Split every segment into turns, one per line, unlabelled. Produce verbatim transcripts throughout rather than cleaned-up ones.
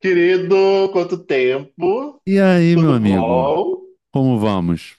Querido, quanto tempo?
E aí, meu
Tudo
amigo,
bom?
como vamos?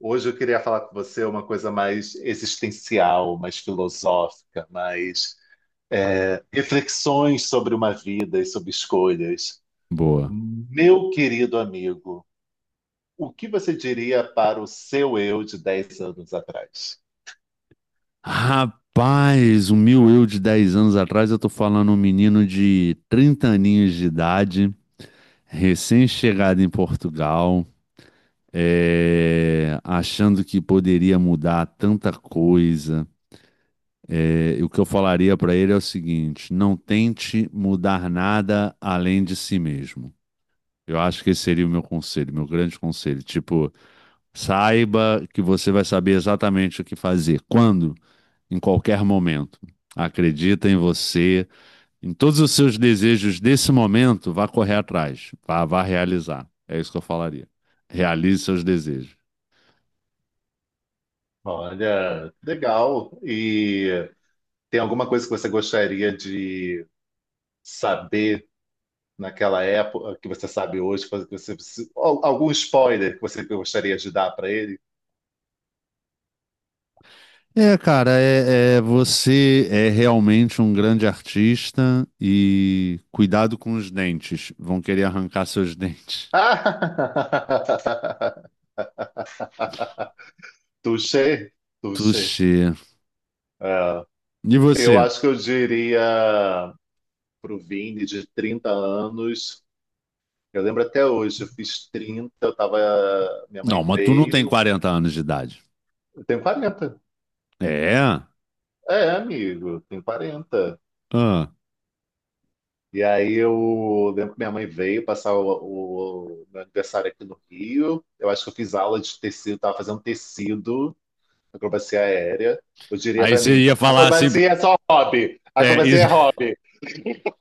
Hoje eu queria falar com você uma coisa mais existencial, mais filosófica, mais é, reflexões sobre uma vida e sobre escolhas.
Boa.
Meu querido amigo, o que você diria para o seu eu de dez anos atrás?
Rapaz, o meu eu de dez anos atrás, eu tô falando um menino de trinta aninhos de idade, recém-chegado em Portugal, é, achando que poderia mudar tanta coisa. É, e o que eu falaria pra ele é o seguinte: não tente mudar nada além de si mesmo. Eu acho que esse seria o meu conselho, meu grande conselho. Tipo, saiba que você vai saber exatamente o que fazer, quando, em qualquer momento. Acredita em você, em todos os seus desejos desse momento, vá correr atrás, vá, vá realizar. É isso que eu falaria. Realize seus desejos.
Olha, legal. E tem alguma coisa que você gostaria de saber naquela época que você sabe hoje, que você, se- al- algum spoiler que você gostaria de dar para ele?
É, cara, é, é- você é realmente um grande artista e cuidado com os dentes. Vão querer arrancar seus dentes.
Touché, touché.
Tuxê.
É,
E
eu
você?
acho que eu diria pro Vini de trinta anos. Eu lembro até hoje, eu fiz trinta, eu tava, minha
Não,
mãe
mas tu não tem
veio.
quarenta anos de idade.
Eu tenho quarenta.
É?
É, amigo, eu tenho quarenta.
Ah.
E aí eu lembro que minha mãe veio passar o, o meu aniversário aqui no Rio. Eu acho que eu fiz aula de tecido, estava fazendo tecido, acrobacia aérea. Eu diria
Aí
para
você
mim,
ia falar assim,
acrobacia é só hobby.
é,
Acrobacia é hobby.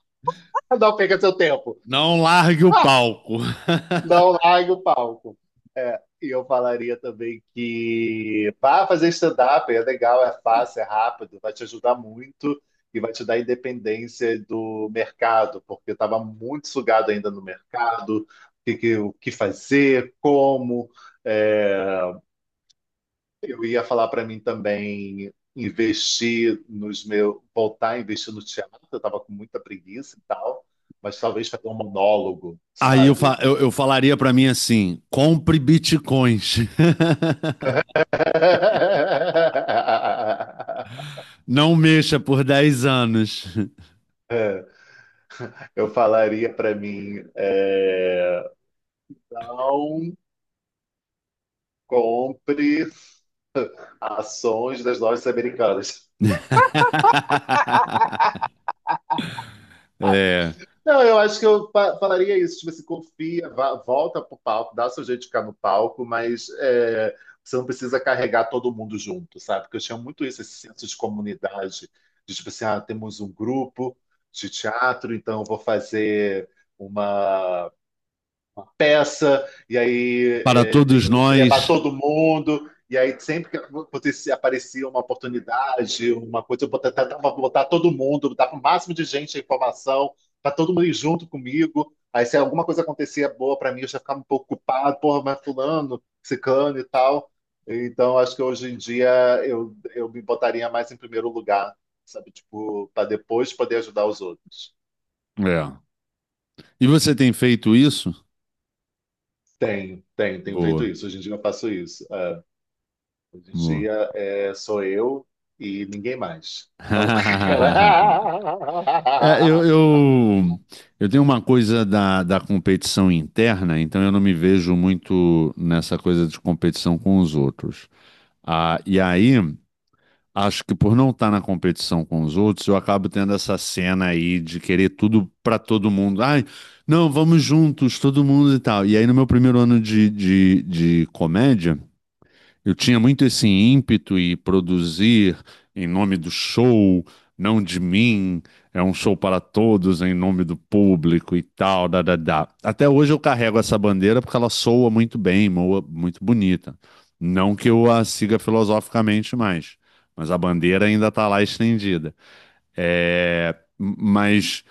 Não perca seu tempo.
não largue o palco.
Não largue o palco. É, e eu falaria também que vá fazer stand-up, é legal, é fácil, é rápido, vai te ajudar muito e vai te dar independência do mercado, porque eu estava muito sugado ainda no mercado, o que, que- o que fazer, como. É, eu ia falar para mim também investir nos meus, voltar a investir no teatro, eu estava com muita preguiça e tal, mas talvez fazer um monólogo,
Aí eu, fa-
sabe?
eu, eu falaria pra mim assim: compre bitcoins. Não mexa por dez anos.
Eu falaria para mim, é, não compre ações das lojas americanas.
É,
Não, eu acho que eu fa- falaria isso, tipo assim, confia, vá- volta pro palco, dá seu jeito de ficar no palco, mas é, você não precisa carregar todo mundo junto, sabe? Porque eu tinha muito isso, esse senso de comunidade, de tipo assim, ah, temos um grupo de teatro, então eu vou fazer uma peça, e aí
para
é,
todos
eu tenho que levar
nós.
todo mundo. E aí, sempre que acontecia- aparecia uma oportunidade, uma coisa, eu bota- tentava botar todo mundo, botar o máximo de gente a informação, para todo mundo ir junto comigo. Aí, se alguma coisa acontecia boa para mim, eu já ficava um pouco culpado, porra, mas fulano, ciclano e tal. Então, acho que hoje em dia eu, eu me botaria mais em primeiro lugar, sabe? Tipo, para depois poder ajudar os outros.
É. E você tem feito isso?
Tenho, tenho, tenho feito
Boa,
isso. Hoje em dia eu faço isso. É. Hoje em
boa.
dia é, sou eu e ninguém mais. A louca que ela-
É, eu, eu, eu tenho uma coisa da, da competição interna, então eu não me vejo muito nessa coisa de competição com os outros. Ah, e aí, acho que por não estar na competição com os outros, eu acabo tendo essa cena aí de querer tudo para todo mundo. Ai, não, vamos juntos, todo mundo e tal. E aí, no meu primeiro ano de, de, de comédia, eu tinha muito esse ímpeto e produzir em nome do show, não de mim, é um show para todos em nome do público e tal, da, da, da. Até hoje eu carrego essa bandeira porque ela soa muito bem, moa muito bonita. Não que eu a siga filosoficamente mais, mas a bandeira ainda está lá estendida. É, mas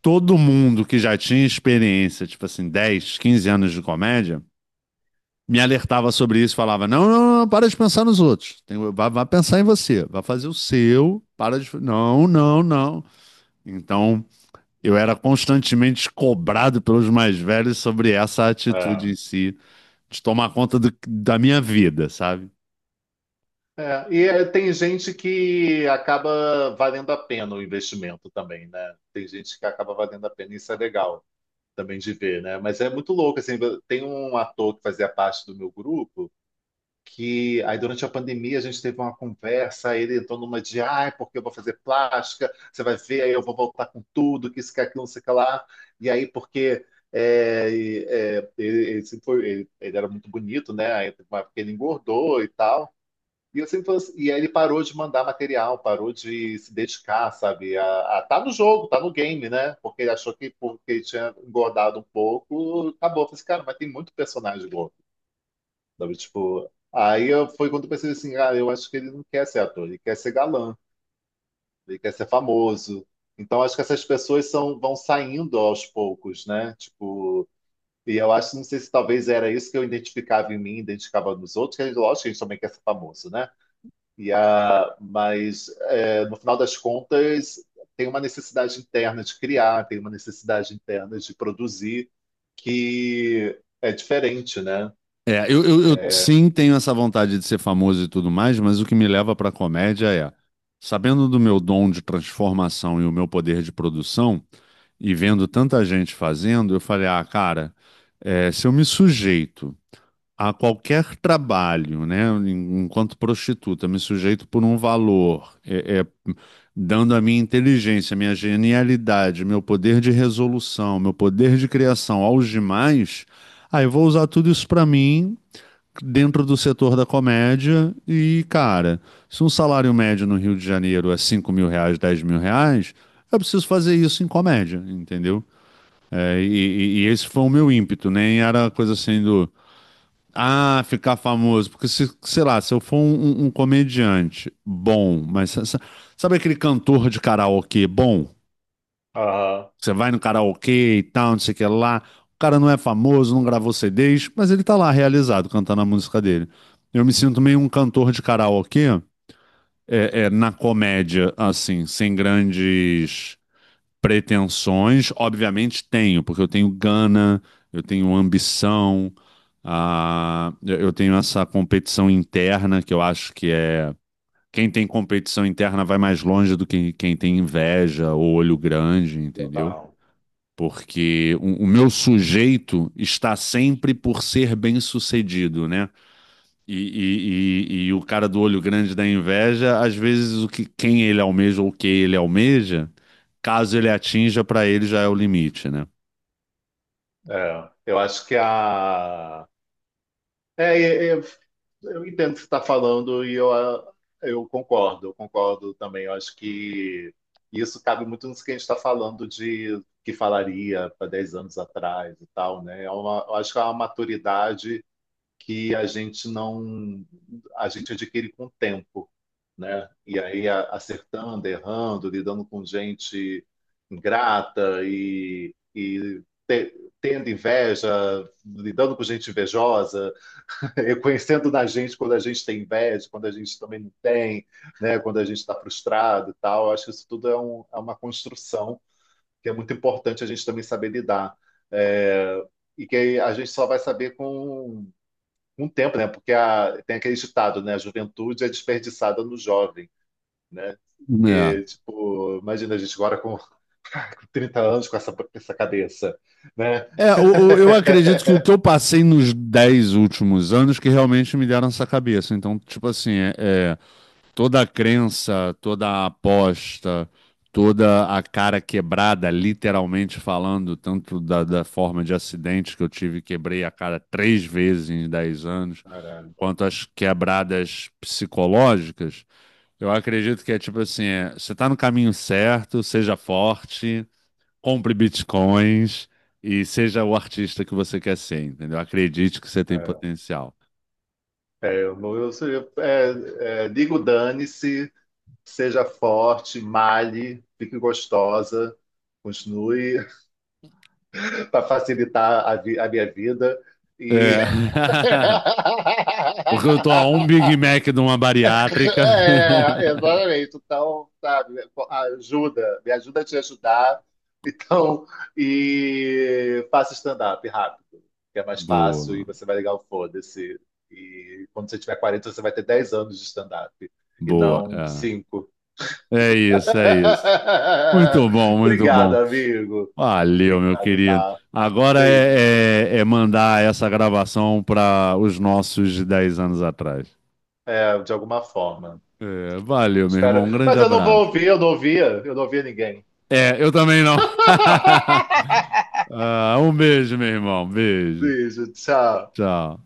todo mundo que já tinha experiência, tipo assim, dez, quinze anos de comédia, me alertava sobre isso, falava: não, não, não, para de pensar nos outros. Tem, vai, vai pensar em você, vai fazer o seu, para de. Não, não, não. Então, eu era constantemente cobrado pelos mais velhos sobre essa
É.
atitude em si, de tomar conta do- da minha vida, sabe?
É, E é, tem gente que acaba valendo a pena o investimento também, né? Tem gente que acaba valendo a pena, isso é legal também de ver, né? Mas é muito louco, assim, tem um ator que fazia parte do meu grupo. Que aí durante a pandemia a gente teve uma conversa, aí ele entrou numa de, ah porque eu vou fazer plástica, você vai ver, aí eu vou voltar com tudo, que isso, que aquilo, não sei o que lá. E aí, porque é, e, é, ele, ele sempre foi- ele- ele era muito bonito, né? Aí teve uma época que ele engordou e tal. E eu sempre falei assim, e aí ele parou de mandar material, parou de se dedicar, sabe? A, a- tá no jogo, tá no game, né? Porque ele achou que porque ele tinha engordado um pouco, acabou. Eu falei assim, cara, mas tem muito personagem gordo. Sabe, tipo, aí eu- foi quando eu percebi assim, ah, eu acho que ele não quer ser ator, ele quer ser galã, ele quer ser famoso. Então acho que essas pessoas são, vão saindo aos poucos, né? Tipo, e eu acho, não sei se talvez era isso que eu identificava em mim, identificava nos outros, que a gente- lógico que a gente também quer ser famoso, né? E a, mas é, no final das contas tem uma necessidade interna de criar, tem uma necessidade interna de produzir que é diferente, né?
É, eu, eu, eu sim tenho essa vontade de ser famoso e tudo mais, mas o que me leva para comédia é, sabendo do meu dom de transformação e o meu poder de produção, e vendo tanta gente fazendo, eu falei, ah, cara. É, se eu me sujeito a qualquer trabalho, né, en- enquanto prostituta, me sujeito por um valor, é, é, dando a minha inteligência, minha genialidade, meu poder de resolução, meu poder de criação aos demais, aí eu vou usar tudo isso para mim dentro do setor da comédia e, cara, se um salário médio no Rio de Janeiro é cinco mil reais, dez mil reais, eu preciso fazer isso em comédia, entendeu? É, e, e- e esse foi o meu ímpeto, nem era coisa assim do ah, ficar famoso. Porque, se, sei lá, se eu for um, um- um comediante bom, mas sa- sa- sabe aquele cantor de karaokê bom?
Aham,
Você vai no karaokê e tal, não sei o que lá. O cara não é famoso, não gravou C Ds, mas ele tá lá realizado cantando a música dele. Eu me sinto meio um cantor de karaokê é, é, na comédia, assim, sem grandes pretensões, obviamente tenho, porque eu tenho gana, eu tenho ambição, ah, eu eu tenho essa competição interna que eu acho que é. Quem tem competição interna vai mais longe do que quem tem inveja ou olho grande, entendeu?
total.
Porque o, o meu sujeito está sempre por ser bem-sucedido, né? E, e, e, e o cara do olho grande da inveja, às vezes o que quem ele almeja ou o que ele almeja, caso ele atinja, pra ele já é o limite, né?
É, eu acho que a. É, é, é, eu entendo o que você está falando e eu, ah, eu concordo, eu concordo também. Eu acho que isso cabe muito nisso que a gente está falando de que falaria para dez anos atrás e tal, né? É uma, eu acho que é uma maturidade que a gente não a gente adquire com o tempo, né? E aí a- acertando, errando, lidando com gente ingrata e, e te- tendo inveja, lidando com gente invejosa, reconhecendo na gente quando a gente tem inveja, quando a gente também não tem, né? Quando a gente está frustrado e tal. Eu acho que isso tudo é, um- é uma construção que é muito importante a gente também saber lidar. É, e que a gente só vai saber com um tempo, né? Porque a, tem aquele ditado, né? A juventude é desperdiçada no jovem, né?
É,
Porque, tipo, imagina a gente agora com trinta anos com essa, com essa cabeça, né?
é, o- o- eu acredito que o que eu passei nos dez últimos anos que realmente me deram essa cabeça. Então, tipo assim, é, é, toda a crença, toda a aposta, toda a cara quebrada, literalmente falando, tanto da, da forma de acidente que eu tive, quebrei a cara três vezes em dez anos. Quanto às quebradas psicológicas, eu acredito que é tipo assim, é, você está no caminho certo, seja forte, compre bitcoins e seja o artista que você quer ser, entendeu? Acredite que você tem
Caralho.
potencial.
É, é, eu, não- eu, eu- é, é, Digo dane-se, seja forte, malhe, fique gostosa, continue para facilitar a, vi- a minha vida
É.
e
Porque eu tô a um Big Mac de uma bariátrica.
É, exatamente. Então, sabe, ajuda, me ajuda a te ajudar. Então, e faça stand-up rápido, que é mais fácil e
Boa,
você vai ligar o foda-se. E quando você tiver quarenta, você vai ter dez anos de stand-up e
boa.
não cinco.
É, é isso, é isso. Muito bom, muito
Obrigado,
bom.
amigo.
Valeu, meu
Obrigado,
querido.
tá?
Agora
Beijo.
é, é- é mandar essa gravação para os nossos de dez anos atrás.
É, de alguma forma.
É, valeu, meu irmão.
Espero.
Um grande
Mas eu não vou
abraço.
ouvir, eu não ouvia, eu não ouvia ninguém.
É, eu também não. Ah, um beijo, meu irmão. Beijo.
Beijo, tchau.
Tchau.